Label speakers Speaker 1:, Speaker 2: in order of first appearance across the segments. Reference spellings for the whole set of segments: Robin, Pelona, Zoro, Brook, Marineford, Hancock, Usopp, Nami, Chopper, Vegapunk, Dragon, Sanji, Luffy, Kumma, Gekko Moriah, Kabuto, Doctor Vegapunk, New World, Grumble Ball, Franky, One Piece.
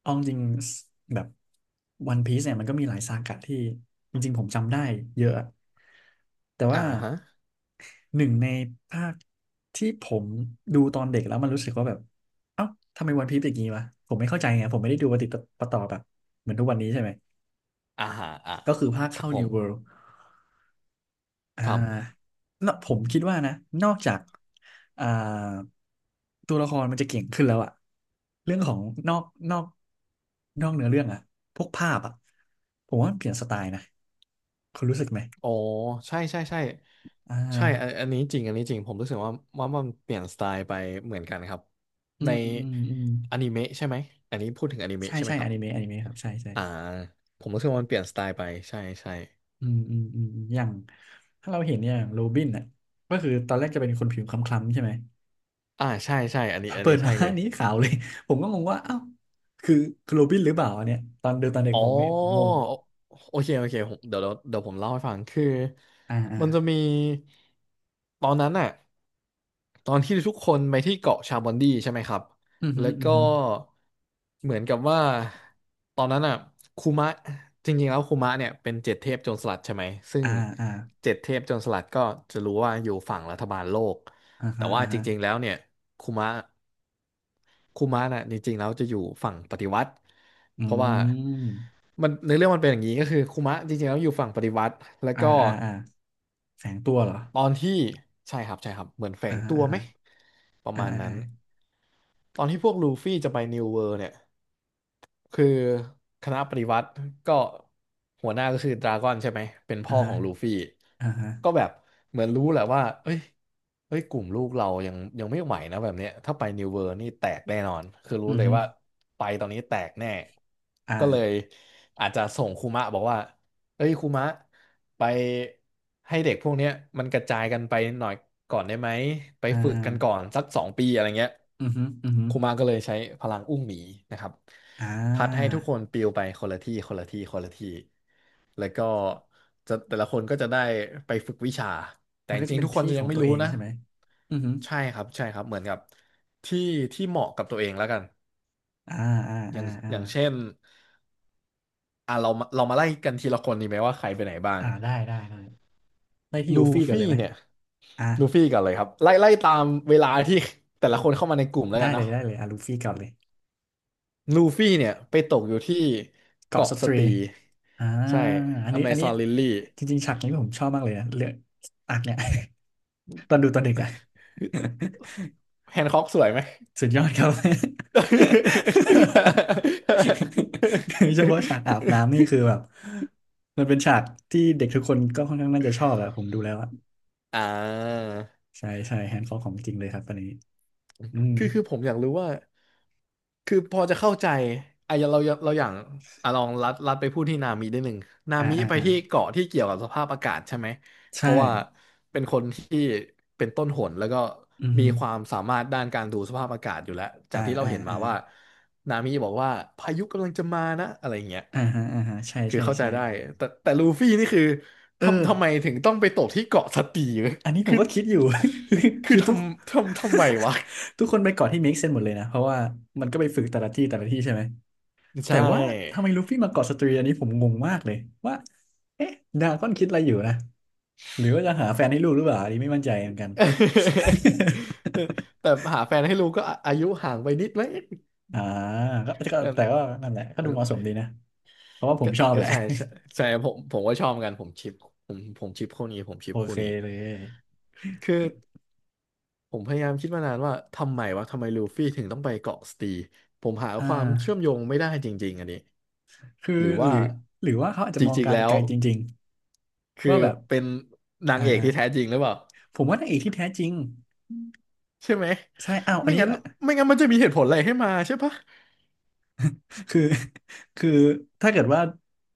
Speaker 1: เอาจริงๆแบบวันพีซเนี่ยมันก็มีหลายซากะที่จริงๆผมจำได้เยอะแต่
Speaker 2: อ่า
Speaker 1: ว่า
Speaker 2: ฮะ
Speaker 1: หนึ่งในภาคที่ผมดูตอนเด็กแล้วมันรู้สึกว่าแบบเอ้าทำไมวันพีซเป็นอย่างนี้วะผมไม่เข้าใจไงผมไม่ได้ดูปฏิปต่อแบบเหมือนทุกวันนี้ใช่ไหม
Speaker 2: อ่าฮะอ่า
Speaker 1: ก็คือภาค
Speaker 2: ครับ
Speaker 1: เข้า
Speaker 2: ผม
Speaker 1: New World อ่
Speaker 2: ครับ
Speaker 1: าเนอะผมคิดว่านะนอกจากอ่าตัวละครมันจะเก่งขึ้นแล้วอะเรื่องของนอกนอกนอกเนื้อเรื่องอะพวกภาพอะผมว่ามันเปลี่ยนสไตล์นะ คุณรู้สึกไหม
Speaker 2: โอ้ใช่ใช่ใช่
Speaker 1: อ่
Speaker 2: ใช่อัน
Speaker 1: า
Speaker 2: อันนี้จริงอันนี้จริงผมรู้สึกว่ามันเปลี่ยนสไตล์ไปเหมือนกันครับ
Speaker 1: อื
Speaker 2: ใน
Speaker 1: มอืมอืม
Speaker 2: อนิเมะใช่ไหมอันนี้พูดถึงอนิเมะ
Speaker 1: ใช่
Speaker 2: ใช่ไหม
Speaker 1: ใช่
Speaker 2: ค
Speaker 1: อ
Speaker 2: รับ
Speaker 1: นิเมะอนิเมะครับใช่ใช่
Speaker 2: อ่าผมรู้สึกว่ามันเปลี่ยนสไตล์ไปใช่ใช่
Speaker 1: อืมอย่างถ้าเราเห็นอย่างโรบินอ่ะก็คือตอนแรกจะเป็นคนผิวคล้ำๆใช่ไหม
Speaker 2: อ่าใช่ใช่อันนี้อัน
Speaker 1: เปิ
Speaker 2: นี้
Speaker 1: ดมา
Speaker 2: ใช่เลย
Speaker 1: นี้ขาวเลย ผมก็งงว่าเอ้าคือคือโรบินหรือเปล่าอันเนี่ยตอนดูตอนเด็ก
Speaker 2: อ๋อ
Speaker 1: ผมเนี่ยผมงง
Speaker 2: โอเคโอเคผมเดี๋ยวเดี๋ยวเดี๋ยวผมเล่าให้ฟังคือ
Speaker 1: อ่าอ่า
Speaker 2: มันจะมีตอนนั้นน่ะตอนที่ทุกคนไปที่เกาะชาบอนดีใช่ไหมครับ
Speaker 1: อือฮึ
Speaker 2: แล้
Speaker 1: อ
Speaker 2: ว
Speaker 1: อือ
Speaker 2: ก็
Speaker 1: ฮึอ
Speaker 2: เหมือนกับว่าตอนนั้นอ่ะคูมะจริงๆแล้วคูมะเนี่ยเป็นเจ็ดเทพโจรสลัดใช่ไหมซึ่
Speaker 1: อ่า
Speaker 2: ง
Speaker 1: อ่า
Speaker 2: เจ็ดเทพโจรสลัดก็จะรู้ว่าอยู่ฝั่งรัฐบาลโลก
Speaker 1: อ่า
Speaker 2: แต่
Speaker 1: ฮะ
Speaker 2: ว่า
Speaker 1: อ่า
Speaker 2: จ
Speaker 1: ฮะ
Speaker 2: ริงๆแล้วเนี่ยคุมะคุมะน่ะจริงๆแล้วจะอยู่ฝั่งปฏิวัติ
Speaker 1: อื
Speaker 2: เพราะว่า
Speaker 1: ม
Speaker 2: มันในอเรื่องมันเป็นอย่างนี้ก็คือคุมะจริงๆแล้วอยู่ฝั่งปฏิวัติแล้ว
Speaker 1: อ่า
Speaker 2: ก็
Speaker 1: อ่าอ่าแฝงตัวเหรอ
Speaker 2: ตอนที่ใช่ครับใช่ครับเหมือนแฝ
Speaker 1: อ่า
Speaker 2: ง
Speaker 1: ฮะ
Speaker 2: ตัว
Speaker 1: อ่า
Speaker 2: ไหม
Speaker 1: ฮะ
Speaker 2: ประ
Speaker 1: อ่า
Speaker 2: มาณ
Speaker 1: อ่า
Speaker 2: นั้
Speaker 1: อ่า
Speaker 2: นตอนที่พวกลูฟี่จะไปนิวเวิร์เนี่ย คือคณะปฏิวัติก็หัวหน้าก็คือดราก้อนใช่ไหมเป็น
Speaker 1: อ่า
Speaker 2: พ่อ
Speaker 1: ฮะ
Speaker 2: ของลูฟี่
Speaker 1: อ่าฮะ
Speaker 2: ก็แบบเหมือนรู้แหละว่าเอ้ยเอ้ยกลุ่มลูกเรายังไม่ไหวนะแบบเนี้ยถ้าไปนิวเวอร์นี่แตกแน่นอนคือรู้
Speaker 1: อือ
Speaker 2: เลย
Speaker 1: ฮึ
Speaker 2: ว่า
Speaker 1: อ
Speaker 2: ไปตอนนี้แตกแน่ก็เลย
Speaker 1: อ่า
Speaker 2: อาจจะส่งคุมะบอกว่า เอ้ยครูมะไปให้เด็กพวกเนี้ยมันกระจายกันไปหน่อยก่อนได้ไหมไป
Speaker 1: อ่
Speaker 2: ฝึกกันก่อ
Speaker 1: า
Speaker 2: นสัก2 ปีอะไรเงี้ย
Speaker 1: อือฮึออือฮึอ
Speaker 2: ครูมะก็เลยใช้พลังอุ้งหมีนะครับ
Speaker 1: อ่
Speaker 2: พัดให้
Speaker 1: า
Speaker 2: ทุกคนปลิวไปคนละที่คนละที่คนละที่แล้วก็จะแต่ละคนก็จะได้ไปฝึกวิชาแต่
Speaker 1: มัน
Speaker 2: จ
Speaker 1: ก็จะ
Speaker 2: ริง
Speaker 1: เป็
Speaker 2: ๆ
Speaker 1: น
Speaker 2: ทุกคน
Speaker 1: ที่
Speaker 2: จะ
Speaker 1: ข
Speaker 2: ยั
Speaker 1: อ
Speaker 2: ง
Speaker 1: ง
Speaker 2: ไม่
Speaker 1: ตัว
Speaker 2: รู้
Speaker 1: เอง
Speaker 2: นะ
Speaker 1: ใช่ไหมอือฮึอ
Speaker 2: ใช่ครับใช่ครับเหมือนกับที่ที่เหมาะกับตัวเองแล้วกัน
Speaker 1: อ่าอ่า
Speaker 2: อ
Speaker 1: อ่า
Speaker 2: ย่าง
Speaker 1: อ่า
Speaker 2: อย่างเช่นอ่ะเรามาไล่กันทีละคนดีไหมว่าใครไปไหนบ้าง
Speaker 1: อ่าได้ได้ได้ ได้ที่
Speaker 2: ลู
Speaker 1: ลูฟี่ก่อน
Speaker 2: ฟี่
Speaker 1: เลยไหม
Speaker 2: เนี่ย
Speaker 1: อ่า
Speaker 2: ลูฟี่ก่อนเลยครับไล่ตามเวลาที่ แต่ละคนเข้ามาในกลุ่มแล้ว
Speaker 1: ได้
Speaker 2: กัน
Speaker 1: เล
Speaker 2: เนาะ
Speaker 1: ยได้เลยอ่ะลูฟี่ก่อนเลย
Speaker 2: ลูฟี่เนี่ยไปตกอยู่ที่
Speaker 1: เกาะ
Speaker 2: เกาะ
Speaker 1: สต
Speaker 2: ส
Speaker 1: รี
Speaker 2: ตี
Speaker 1: อ่า
Speaker 2: ใช่
Speaker 1: อัน
Speaker 2: อ
Speaker 1: นี้
Speaker 2: เม
Speaker 1: อัน
Speaker 2: ซ
Speaker 1: นี้
Speaker 2: อนลิลลี่
Speaker 1: จริงๆฉากนี้ผมชอบมากเลยนะเรื่องอักเนี่ย ตอนดูตอนเด็กอะ
Speaker 2: แฮนค็อกสวยไหม
Speaker 1: สุดยอดครับ โดยเฉพาะฉากอาบน้ำนี่คือแบบมันเป็นฉากที่เด็กทุกคนก็ค่อนข้างน่าจะชอบอะผมดูแล้วอะ
Speaker 2: อ่า
Speaker 1: ใช่ใช่แฮนด์คอของจริงเลยครับตอนนี้อืม
Speaker 2: คือผมอยากรู้ว่า คือพอจะเข้าใจอ่ะเราอย่างอ่ะลองลัดไปพูดที่นามิได้หนึ่งนา
Speaker 1: อ่า
Speaker 2: มิ
Speaker 1: อ่า
Speaker 2: ไป
Speaker 1: อ่า
Speaker 2: ที่เกาะที่เกี่ยวกับสภาพอากาศใช่ไหมเพ
Speaker 1: ใช่
Speaker 2: ราะว่าเป็นคนที่เป็นต้นหนแล้วก็
Speaker 1: อือ
Speaker 2: มี
Speaker 1: ฮึ
Speaker 2: ความสามารถด้านการดูสภาพอากาศอยู่แล้วจา
Speaker 1: อ่า
Speaker 2: กที่เรา
Speaker 1: อ่า
Speaker 2: เห็นมา
Speaker 1: อ่า
Speaker 2: ว่านามิบอกว่าพายุกำลังจะมานะอะไรอย่างเงี้ย
Speaker 1: อ่าฮะอ่าฮะใช่
Speaker 2: คือ
Speaker 1: ใช่
Speaker 2: เข้าใจ
Speaker 1: ใช่
Speaker 2: ได้แต่ลูฟี่นี่คือ
Speaker 1: เออ
Speaker 2: ทำไมถึงต้องไปตกที่เกาะสตีวะ
Speaker 1: อันนี้ผ
Speaker 2: คื
Speaker 1: ม
Speaker 2: อ
Speaker 1: ก็คิดอยู่ คือ
Speaker 2: คือ
Speaker 1: คือ
Speaker 2: ท
Speaker 1: ทุก
Speaker 2: ำทำทำไมวะ
Speaker 1: ทุกคนไปเกาะที่ make sense หมดเลยนะเพราะว่ามันก็ไปฝึกแต่ละที่แต่ละที่ใช่ไหม แต่
Speaker 2: ใช่
Speaker 1: ว่าทำไมลูฟี่มาเกาะสตรีอันนี้ผมงงมากเลยว่าเอ๊ะดราก้อนคิดอะไรอยู่นะหรือว่าจะหาแฟนให้ลูกหรือเปล่าอันนี้ไม่มั่นใจเหมือนกัน
Speaker 2: แต่หาแฟนให้ลูกก็อาอายุห่างไปนิดไหม
Speaker 1: อ่าก็
Speaker 2: แบบ
Speaker 1: แต่ก็นั่นแหละก็ดูเหมาะสมดีนะเพราะว่าผม
Speaker 2: ก็
Speaker 1: ชอบ
Speaker 2: ก็
Speaker 1: แหละ
Speaker 2: ใช่ใช่ใช่ผมก็ชอบเหมือนกันผมชิปผมชิปคู่นี้ผม ชิ
Speaker 1: โอ
Speaker 2: ปคู่
Speaker 1: เค
Speaker 2: นี้
Speaker 1: เลย
Speaker 2: คือผมพยายามคิดมานานว่าทำไมวะทำไมลูฟี่ถึงต้องไปเกาะสตีผมหา
Speaker 1: อ่
Speaker 2: ความเชื่อม
Speaker 1: า
Speaker 2: โยงไม่ได้จริงๆอันนี้
Speaker 1: คือ
Speaker 2: หรือ
Speaker 1: ห
Speaker 2: ว่า
Speaker 1: รือหรือว่าเขาอาจ
Speaker 2: จ
Speaker 1: จะมอง
Speaker 2: ริง
Speaker 1: กา
Speaker 2: ๆ
Speaker 1: ร
Speaker 2: แล้
Speaker 1: ไก
Speaker 2: ว
Speaker 1: ลจริงๆ
Speaker 2: คือ
Speaker 1: ว่าแบบ
Speaker 2: เป็นนาง
Speaker 1: อ่า
Speaker 2: เอก
Speaker 1: อ่า
Speaker 2: ที่แท้จริงหรือเปล่า
Speaker 1: ผมว่านางเอกที่แท้จริง
Speaker 2: ใช่ไหม
Speaker 1: ใช่อ้าวอั
Speaker 2: ไม่
Speaker 1: นนี้
Speaker 2: งั้น
Speaker 1: อ่ะ
Speaker 2: ไม่งั้นมันจะมีเหตุผลอะไรให้มาใช่ปะ
Speaker 1: คือคือถ้าเกิดว่า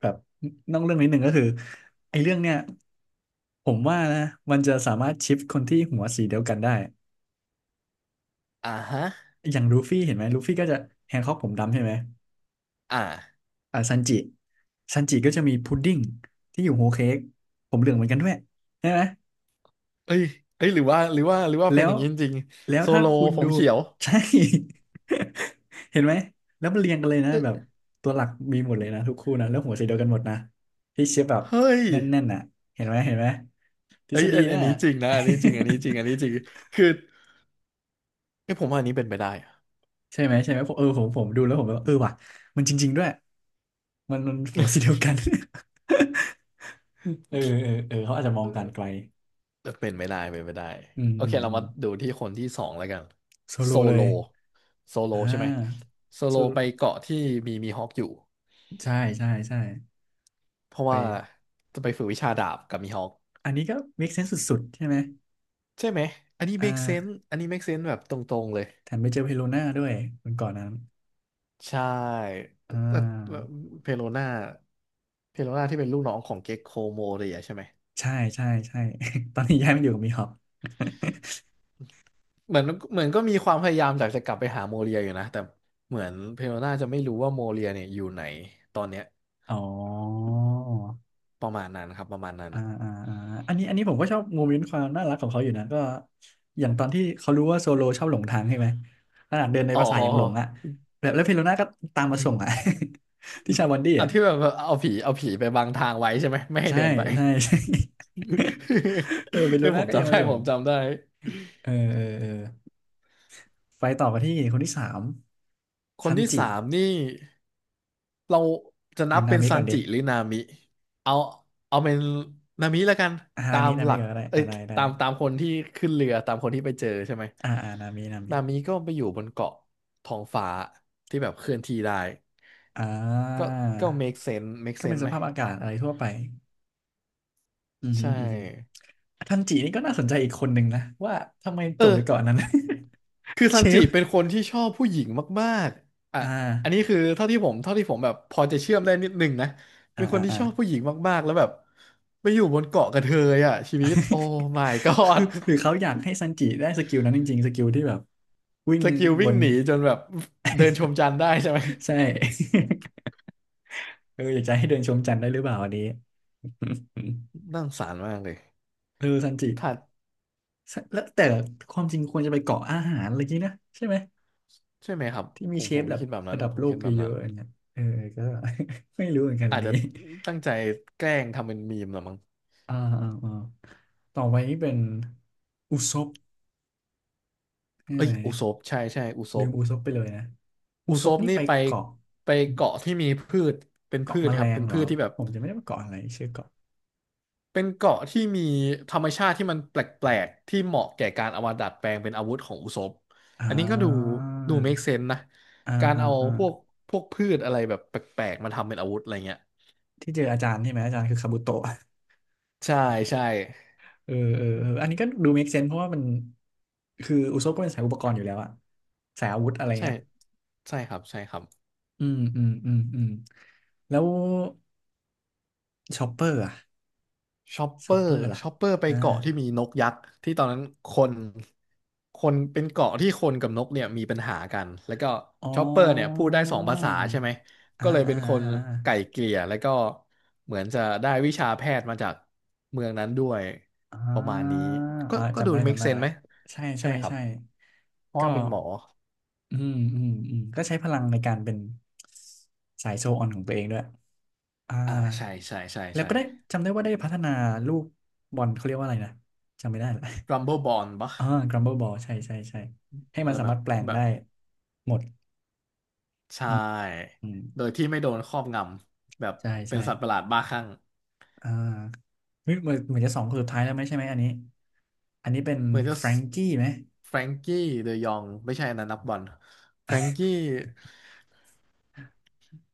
Speaker 1: แบบนอกเรื่องนิดหนึ่งก็คือไอ้เรื่องเนี้ย ผมว่านะมันจะสามารถชิปคนที่หัวสีเดียวกันได้
Speaker 2: อ่าฮะ
Speaker 1: อย่างลูฟี่เห็นไหมลูฟี่ก็จะแฮงค็อกผมดำใช่ไหม
Speaker 2: อ่า
Speaker 1: อ่าซันจิซันจิก็จะมีพุดดิ้งที่อยู่โฮเค้กผมเหลืองเหมือนกันด้วยใช่ไหม
Speaker 2: เอ้ยเอ้ยหรือว่า
Speaker 1: แล้
Speaker 2: เป็นอ
Speaker 1: ว
Speaker 2: ย่างนี้จริง
Speaker 1: แล้
Speaker 2: ๆ
Speaker 1: ว
Speaker 2: โซ
Speaker 1: ถ้า
Speaker 2: โล
Speaker 1: คุณ
Speaker 2: ผม
Speaker 1: ดู
Speaker 2: เขียว
Speaker 1: ใช่ เห็นไหมแล้วมันเรียงกันเลยนะ
Speaker 2: เอ้
Speaker 1: แบบ
Speaker 2: ย
Speaker 1: ตัวหลักมีหมดเลยนะทุกคู่นะแล้วหัวสีเดียวกันหมดนะที่เชฟแบบ
Speaker 2: เฮ้ย
Speaker 1: แน่นๆน่ะเห็นไหมเห็นไหมทฤ
Speaker 2: เอ้
Speaker 1: ษ
Speaker 2: ย
Speaker 1: ฎี
Speaker 2: อัน
Speaker 1: น่ะ
Speaker 2: นี้จริงนะอันนี้จริงอันนี้จริงอันนี้ จริงคือเอ้ยผมว่าอันนี้เป็นไปได้อะ
Speaker 1: ใช่ไหมใช่ไหมผมเออผมดูแล้วผมแบบเออว่ะมันจริงๆด้วยมันมันหัวสีเดียวกัน เออเออเออเขาอาจจะมอ
Speaker 2: เอ
Speaker 1: งการไกล
Speaker 2: อเออเป็นไม่ได้เป็นไม่ได้
Speaker 1: อืม
Speaker 2: โอ
Speaker 1: อื
Speaker 2: เค
Speaker 1: ม
Speaker 2: เรา
Speaker 1: อืม
Speaker 2: มาดูที่คนที่สองแล้วกัน
Speaker 1: โซโล
Speaker 2: โซ
Speaker 1: เล
Speaker 2: โล
Speaker 1: ย
Speaker 2: โซโล
Speaker 1: อ่
Speaker 2: ใช่ไหม
Speaker 1: า
Speaker 2: โซ
Speaker 1: โซ
Speaker 2: โล
Speaker 1: โล
Speaker 2: ไปเกาะที่มีมีฮอกอยู่
Speaker 1: ใช่ใช่ใช่
Speaker 2: เพราะ
Speaker 1: ไป
Speaker 2: ว่าจะไปฝึกวิชาดาบกับมีฮอก
Speaker 1: อันนี้ก็ make sense สุดๆใช่ไหม
Speaker 2: ใช่ไหมอันนี้
Speaker 1: อ่า
Speaker 2: make sense อันนี้ make sense แบบตรงๆเลย
Speaker 1: แถมไปเจอเพโลน่าด้วยคนก่อนนั้น
Speaker 2: ใช่
Speaker 1: อ่
Speaker 2: แต่แต่
Speaker 1: า
Speaker 2: เพโลนาเพโลนาที่เป็นลูกน้องของเก็กโคโมเรียใช่ไหม
Speaker 1: ใช่ใช่ใช่ ตอนนี้ย้ายมาอยู่กับมีฮอป
Speaker 2: เหมือนเหมือนก็มีความพยายามอยากจะกลับไปหาโมเรียอยู่นะแต่เหมือนเพโลนาจะไม่รู้ว่าโมเรียเนี่ยอยู่ไหนตอนเนี้ย
Speaker 1: อ๋อ
Speaker 2: ประมาณนั้นครับประมาณนั้น
Speaker 1: อ่าอ่าอ่าอันนี้ผมก็ชอบโมเมนต์ความน่ารักของเขาอยู่นะก็อย่างตอนที่เขารู้ว่าโซโลชอบหลงทางใช่ไหมขนาดเดินใน
Speaker 2: อ๋อ
Speaker 1: ภาษายังหลงอ่ะแบบแล้วเฟโลน่าก็ตามมาส่งอ่ะ ที่ชาบันดี้
Speaker 2: อัน
Speaker 1: อ่ะ
Speaker 2: ที่แบบเอาผีไปบังทางไว้ใช่ไหมไม่ให้
Speaker 1: ใช่
Speaker 2: เดินไป
Speaker 1: ใช่ ใช่ เออเฟ โล
Speaker 2: เอ้ยผ
Speaker 1: น่า
Speaker 2: ม
Speaker 1: ก็ยัง
Speaker 2: จำ
Speaker 1: มา
Speaker 2: ได้
Speaker 1: ส่ง
Speaker 2: ผมจำได้
Speaker 1: เออเออเออไปต่อกันที่คนที่สาม
Speaker 2: คน
Speaker 1: ซัน
Speaker 2: ที่
Speaker 1: จิ
Speaker 2: สามนี่ เราจะ
Speaker 1: ห
Speaker 2: นั
Speaker 1: รือ
Speaker 2: บ
Speaker 1: นา
Speaker 2: เป็น
Speaker 1: มิ
Speaker 2: ซั
Speaker 1: ก่อ
Speaker 2: น
Speaker 1: นดิ
Speaker 2: จิหรือนามิเอาเอาเป็นนามิแล้วกัน
Speaker 1: อานา
Speaker 2: ตา
Speaker 1: มิ
Speaker 2: ม
Speaker 1: นา
Speaker 2: ห
Speaker 1: มิ
Speaker 2: ลัก
Speaker 1: ก่อนก็ได้
Speaker 2: เอ้
Speaker 1: อ่า
Speaker 2: ย
Speaker 1: ได้ได้
Speaker 2: ตามคนที่ขึ้นเรือตามคนที่ไปเจอใช่ไหม
Speaker 1: อ่าอ่านามินามิ
Speaker 2: นามิก็ไปอยู่บนเกาะท้องฟ้าที่แบบเคลื่อนที่ได้
Speaker 1: อ่
Speaker 2: ก็
Speaker 1: า
Speaker 2: ก็ make sense make
Speaker 1: ก็เป็น
Speaker 2: sense
Speaker 1: ส
Speaker 2: ไหม
Speaker 1: ภาพอากาศอะไรทั่วไปอือหือ
Speaker 2: ใช่
Speaker 1: อือหือ ทันจินี่ก็น่าสนใจอีกคนหนึ่งนะว่าทำไม
Speaker 2: เอ
Speaker 1: ส่งไป
Speaker 2: อ
Speaker 1: เกาะนนั้น
Speaker 2: คือ ซั
Speaker 1: เช
Speaker 2: นจิ
Speaker 1: ฟ
Speaker 2: เป็นคนที่ชอบผู้หญิงมากๆอ่ะ
Speaker 1: อ่
Speaker 2: อัน
Speaker 1: า
Speaker 2: นี้คือเท่าที่ผมแบบพอจะเชื่อมได้นิดหนึงนะ
Speaker 1: อ่า
Speaker 2: เป็นค
Speaker 1: อ่า
Speaker 2: นที่
Speaker 1: อ่า
Speaker 2: ชอบผู้หญิงมากๆแล้วแบบไปอยู่บนเกาะกระเทยอ่ะชีวิตโอ้ my
Speaker 1: คือ
Speaker 2: god
Speaker 1: หรือเขาอยากให้ซันจิได้สกิลนั้นจริงๆสกิลที่แบบวิ่ง
Speaker 2: สกิล
Speaker 1: บ
Speaker 2: วิ่ง
Speaker 1: น
Speaker 2: หนีจนแบบเดินชมจันทร์ได้ใช่ไหม
Speaker 1: ใช่ เอออยากจะให้เดินชมจันทร์ได้หรือเปล่าอันนี้
Speaker 2: น่าสงสารมากเลย
Speaker 1: เออซันจิ
Speaker 2: ถ้า
Speaker 1: ซะแล้วแต่ความจริงควรจะไปเกาะอาหารอะไรกี้นะใช่ไหม
Speaker 2: ใช่ไหมครับ
Speaker 1: ที่
Speaker 2: ผ
Speaker 1: มี
Speaker 2: ม
Speaker 1: เช
Speaker 2: ผ
Speaker 1: ฟ
Speaker 2: ม
Speaker 1: แบบ
Speaker 2: คิดแบบนั้
Speaker 1: ระ
Speaker 2: น
Speaker 1: ดับ
Speaker 2: ผม
Speaker 1: โลก
Speaker 2: คิดแบบ
Speaker 1: เย
Speaker 2: นั้น
Speaker 1: อะๆอย่างเงี้ยเออก็ ไม่รู้เหมือนกันอั
Speaker 2: อา
Speaker 1: น
Speaker 2: จ
Speaker 1: นี้
Speaker 2: จะตั้งใจแกล้งทำเป็นมีมเหรอมั้ง
Speaker 1: อ่าอ่าอ่าต่อไปนี่เป็นอุซบ ใช่
Speaker 2: เอ้
Speaker 1: ไหม
Speaker 2: ยอุซบใช่ใช่อุซ
Speaker 1: ลื
Speaker 2: บ
Speaker 1: มอุซบไปเลยนะอุ
Speaker 2: อุ
Speaker 1: ซ
Speaker 2: ซ
Speaker 1: บ
Speaker 2: บ
Speaker 1: นี่
Speaker 2: นี่
Speaker 1: ไป
Speaker 2: ไป
Speaker 1: เกาะ
Speaker 2: ไปเกาะที่มีพืชเป็น
Speaker 1: เกาะ
Speaker 2: พื
Speaker 1: แม
Speaker 2: ชค
Speaker 1: ล
Speaker 2: รับ
Speaker 1: ง
Speaker 2: เป็น
Speaker 1: เหร
Speaker 2: พื
Speaker 1: อ
Speaker 2: ชที่แบบ
Speaker 1: ผมจะไม่ได้ไปเกาะอะไรชื่อเกาะ
Speaker 2: เป็นเกาะที่มีธรรมชาติที่มันแปลกๆที่เหมาะแก่การเอามาดัดแปลงเป็นอาวุธของอุซบ
Speaker 1: อ่
Speaker 2: อันนี้ก็ดู
Speaker 1: า
Speaker 2: ดู make sense นะ
Speaker 1: อ่า
Speaker 2: การ
Speaker 1: อ่า
Speaker 2: เอา
Speaker 1: อ่า
Speaker 2: พวกพวกพืชอะไรแบบแปลกๆมาทำเป็นอาวุธอะไรเงี้ย
Speaker 1: ที่เจออาจารย์ใช่ไหมอาจารย์คือคาบุโตะ
Speaker 2: ใช่ใช่
Speaker 1: เออเออเอออันนี้ก็ดู make sense เพราะว่ามันคืออุซบก็เป็นสายอุปกรณ์อยู่แล้วอะสายอาวุธอะไร
Speaker 2: ใช่
Speaker 1: เงี้ย
Speaker 2: ใช่ครับใช่ครับ
Speaker 1: อืมอืมอืมอืมแล้วชอปเปอร์อะ
Speaker 2: ชอป
Speaker 1: ช
Speaker 2: เปอ
Speaker 1: อปเปอ
Speaker 2: ร์
Speaker 1: ร์ล่ะ
Speaker 2: ชอปเปอร์ไป
Speaker 1: อ่า
Speaker 2: เกาะที่มีนกยักษ์ที่ตอนนั้นคนคนเป็นเกาะที่คนกับนกเนี่ยมีปัญหากันแล้วก็
Speaker 1: อ๋อ
Speaker 2: ชอปเปอร์เนี่ยพูดได้สองภาษาใช่ไหม
Speaker 1: อ่า
Speaker 2: ก็เลย
Speaker 1: อ่า
Speaker 2: เป็นคน
Speaker 1: อ่
Speaker 2: ไก่
Speaker 1: า
Speaker 2: เกลี่ยแล้วก็เหมือนจะได้วิชาแพทย์มาจากเมืองนั้นด้วย
Speaker 1: อ่
Speaker 2: ประมาณ
Speaker 1: า
Speaker 2: นี้ก็
Speaker 1: อ่า
Speaker 2: ก็
Speaker 1: จำ
Speaker 2: ดู
Speaker 1: ได้จำ
Speaker 2: make
Speaker 1: ได้
Speaker 2: sense
Speaker 1: ละ
Speaker 2: ไหม
Speaker 1: ใช่
Speaker 2: ใช่
Speaker 1: ใช่
Speaker 2: ไหมครับ
Speaker 1: ใช่
Speaker 2: เพราะว่า
Speaker 1: ก็
Speaker 2: เป็นหมอ
Speaker 1: อืมอืมอืมก็ใช้พลังในการเป็นสายโชว์ออนของตัวเองด้วย อ่า
Speaker 2: อ่าใช่ใช่ใช่
Speaker 1: แล้ว
Speaker 2: ใช่
Speaker 1: ก็ได้จำได้ว่าได้พัฒนาลูกบอลเขาเรียกว่าอะไรนะ จำไม่ได้ละ
Speaker 2: Rumble Bond ปะ
Speaker 1: อ่า Grumble Ball ใช่ใช่ใช่ให้มัน
Speaker 2: แล้ว
Speaker 1: สา
Speaker 2: แบบ
Speaker 1: มารถแปลง
Speaker 2: แบบ
Speaker 1: ได้หมด
Speaker 2: ใช
Speaker 1: อืม
Speaker 2: ่
Speaker 1: อืม
Speaker 2: โดยที่ไม่โดนครอบงำแบบ
Speaker 1: ใช่
Speaker 2: เป็
Speaker 1: ใช่
Speaker 2: นสัตว์ประหลาดบ้าคลั่ง
Speaker 1: อ่าเฮ้ยเหมือนเหมือนจะสองคนสุดท้ายแล้วไหมใช่ไหมอันนี้ อันนี้เป็น
Speaker 2: เหมือนจะ
Speaker 1: แฟรงกี้ไหม
Speaker 2: แฟรงกี้เดยองไม่ใช่อันนั้นนักบอลแฟรงกี้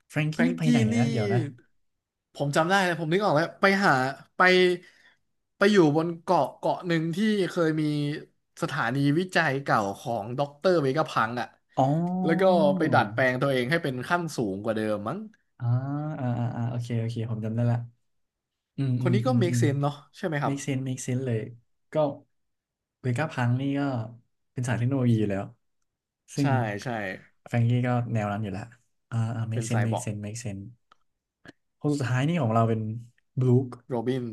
Speaker 1: แฟรง
Speaker 2: แฟ
Speaker 1: กี้
Speaker 2: รง
Speaker 1: นี่ไปไหน
Speaker 2: กี้
Speaker 1: นะ
Speaker 2: นี่
Speaker 1: เดี๋ยวนะ
Speaker 2: ผมจำได้เลยผมนึกออกแล้วไปหาไปไปอยู่บนเกาะเกาะหนึ่งที่เคยมีสถานีวิจัยเก่าของด็อกเตอร์เวกาพังอ่ะ
Speaker 1: อ๋อ
Speaker 2: แล้วก็ไปดัดแปลงตัวเองให้เป็นขั้นสูงกว่าเดิมมั้ง
Speaker 1: อ่าอ่าอ่าอ่าโอเคโอเค ผมจำได้ละอืม
Speaker 2: ค
Speaker 1: อื
Speaker 2: น
Speaker 1: ม
Speaker 2: นี้
Speaker 1: อื
Speaker 2: ก็
Speaker 1: ม อื
Speaker 2: make
Speaker 1: ม
Speaker 2: sense เนาะใช่ไหมครับ
Speaker 1: make sense make sense เลย ก็เวก้าพังนี่ก็เป็นสายเทคโนโลยีอยู่แล้ว ซึ่ง
Speaker 2: ใช่ใช่
Speaker 1: แฟรงกี้ก็แนวนั้นอยู่แล้วอ่าอ่า
Speaker 2: เป็
Speaker 1: make
Speaker 2: นไซ
Speaker 1: sense
Speaker 2: บ
Speaker 1: make
Speaker 2: อร์ก
Speaker 1: sense make sense คนสุดท้ายนี่ของเราเป็นบลูค
Speaker 2: โรบิน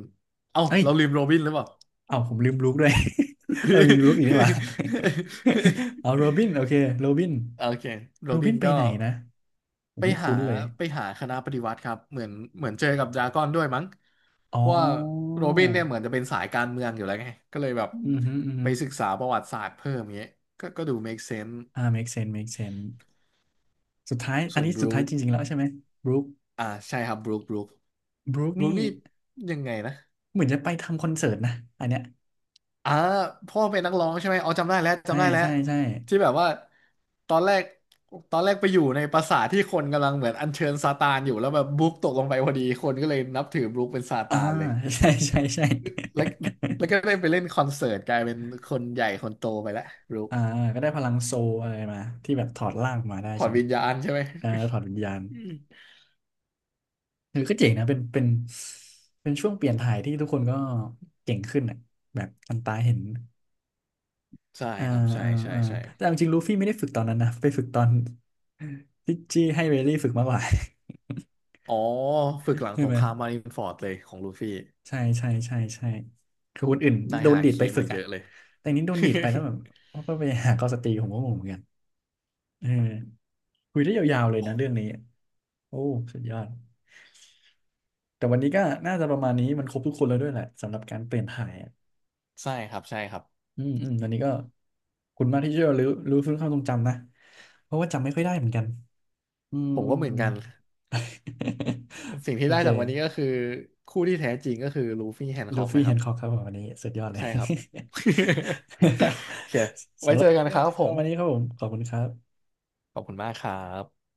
Speaker 2: เอ้า
Speaker 1: เอ้ย
Speaker 2: เราลืมโรบินหรือเปล่า
Speaker 1: เอ้าผมลืมบลูคด้วย เออมีบลูคอีกนี่หว่า เอาโรบินโอเคโรบิน
Speaker 2: โอเคโร
Speaker 1: โร
Speaker 2: บิ
Speaker 1: บิน
Speaker 2: น
Speaker 1: ไป
Speaker 2: ก็
Speaker 1: ไหนนะ ผม
Speaker 2: ไป
Speaker 1: ไม่
Speaker 2: หา
Speaker 1: คุ้นเลย
Speaker 2: ไปหาคณะปฏิวัติครับเหมือนเหมือนเจอกับดราก้อนด้วยมั้ง
Speaker 1: อ๋
Speaker 2: เพราะว่า
Speaker 1: อ
Speaker 2: โรบินเนี่ยเหมือนจะเป็นสายการเมืองอยู่แล้วไงก็เลยแบบ
Speaker 1: อือฮึอือฮึ
Speaker 2: ไปศึกษาประวัติศาสตร์เพิ่มเงี้ยก็ก็ดู make sense
Speaker 1: อ่า make sense make sense สุดท้ายอั
Speaker 2: ส่
Speaker 1: น
Speaker 2: วน
Speaker 1: นี้
Speaker 2: บ
Speaker 1: สุด
Speaker 2: รู
Speaker 1: ท้าย
Speaker 2: ค
Speaker 1: จริงๆแล้วใช่ไหมบรูค
Speaker 2: อ่าใช่ครับบรูค
Speaker 1: บรูค
Speaker 2: บรูค
Speaker 1: นี่
Speaker 2: นี่ยังไงนะ
Speaker 1: เหมือนจะไปทำคอนเสิร์ตนะอันเนี้ย
Speaker 2: อ่าพ่อเป็นนักร้องใช่ไหมอ๋อจำได้แล้ว
Speaker 1: ใช่
Speaker 2: จำได้แล้ว
Speaker 1: ใช่ใช่
Speaker 2: ที่แบบว่าตอนแรกตอนแรกไปอยู่ในปราสาทที่คนกำลังเหมือนอัญเชิญซาตานอยู่แล้วแบบบลุ๊กตกลงไปพอดีคนก็เลยนับถือบลุ๊คเป็นซา
Speaker 1: อ่า
Speaker 2: ตานเลย
Speaker 1: ใช่ใช่ใช่
Speaker 2: แล้วแล้วก็ได้ไปเล่นคอนเสิร์ตกลายเป็นคนใหญ่คนโตไปแล้วบลุ๊ ก
Speaker 1: อ่าก็ได้พลังโซลอะไรมาที่แบบถอดร่างมาได้
Speaker 2: ถอ
Speaker 1: ใช่
Speaker 2: ด
Speaker 1: ไหม
Speaker 2: วิญญาณใช่ไหม
Speaker 1: เออถอดวิญญาณ
Speaker 2: อืม
Speaker 1: เออก็เจ๋งนะเป็นเป็นช่วงเปลี่ยนถ่ายที่ทุกคนก็เก่งขึ้นอ่ะแบบอันตาเห็น
Speaker 2: ใช่
Speaker 1: อ่า
Speaker 2: ครับใช่
Speaker 1: อ่า
Speaker 2: ใช่
Speaker 1: อ่า
Speaker 2: ใช่
Speaker 1: แต่เอาจริงลูฟี่ไม่ได้ฝึกตอนนั้นนะไปฝึกตอน ที่จี้ให้เบลลี่ฝึกมากกว่า
Speaker 2: อ๋อฝึกหลัง
Speaker 1: ใช่
Speaker 2: ส
Speaker 1: ไห
Speaker 2: ง
Speaker 1: ม
Speaker 2: ครามมารินฟอร์ดเลยของลูฟี่
Speaker 1: ใช่ใช่ใช่ใช่คือคนอื่น
Speaker 2: นาย
Speaker 1: โดน
Speaker 2: ฮา
Speaker 1: ดีดไป
Speaker 2: คิ
Speaker 1: ฝึ
Speaker 2: มา
Speaker 1: ก
Speaker 2: เย
Speaker 1: อ่ะ
Speaker 2: อะเลย
Speaker 1: แต่อันนี้โดนดีดไปแล้วแบบก็ไปหาก็สตรีผมก็งงเหมือนกันเออคุยได้ยาวๆเลยนะเรื่องนี้โอ้สุดยอดแต่วันนี้ก็น่าจะประมาณนี้มันครบทุกคนแล้วด้วยแหละสำหรับการเปลี่ยนถ่ายอะ
Speaker 2: ใช่ครับใช่ครับ
Speaker 1: อืมอืมวันนี้ก็ขอบคุณมากที่ช่วยรู้อรู้อฟื้นความทรงจำนะเพราะว่าจำไม่ค่อยได้เหมือนกันอืม
Speaker 2: ผม
Speaker 1: อื
Speaker 2: ก็
Speaker 1: ม
Speaker 2: เหมือนกัน สิ่ง ที่
Speaker 1: โอ
Speaker 2: ได้
Speaker 1: เค
Speaker 2: จากวันนี้ก็คือคู่ที่แท้จริงก็คือลูฟี่แฮนค็
Speaker 1: ลู
Speaker 2: อก
Speaker 1: ฟี่
Speaker 2: นะค
Speaker 1: เฮ
Speaker 2: รับ
Speaker 1: นค็อกครับผมวันนี้สุดยอดเล
Speaker 2: ใช่
Speaker 1: ย
Speaker 2: ครับ โอเค ไว้
Speaker 1: สำหรั
Speaker 2: เจ
Speaker 1: บ
Speaker 2: อ
Speaker 1: วัน
Speaker 2: กั
Speaker 1: นี้
Speaker 2: น
Speaker 1: ก็
Speaker 2: ครับ
Speaker 1: น่า
Speaker 2: ผ
Speaker 1: จะป
Speaker 2: ม
Speaker 1: ระมาณนี้ครับผมขอบคุณครับ
Speaker 2: ขอบคุณมากครับ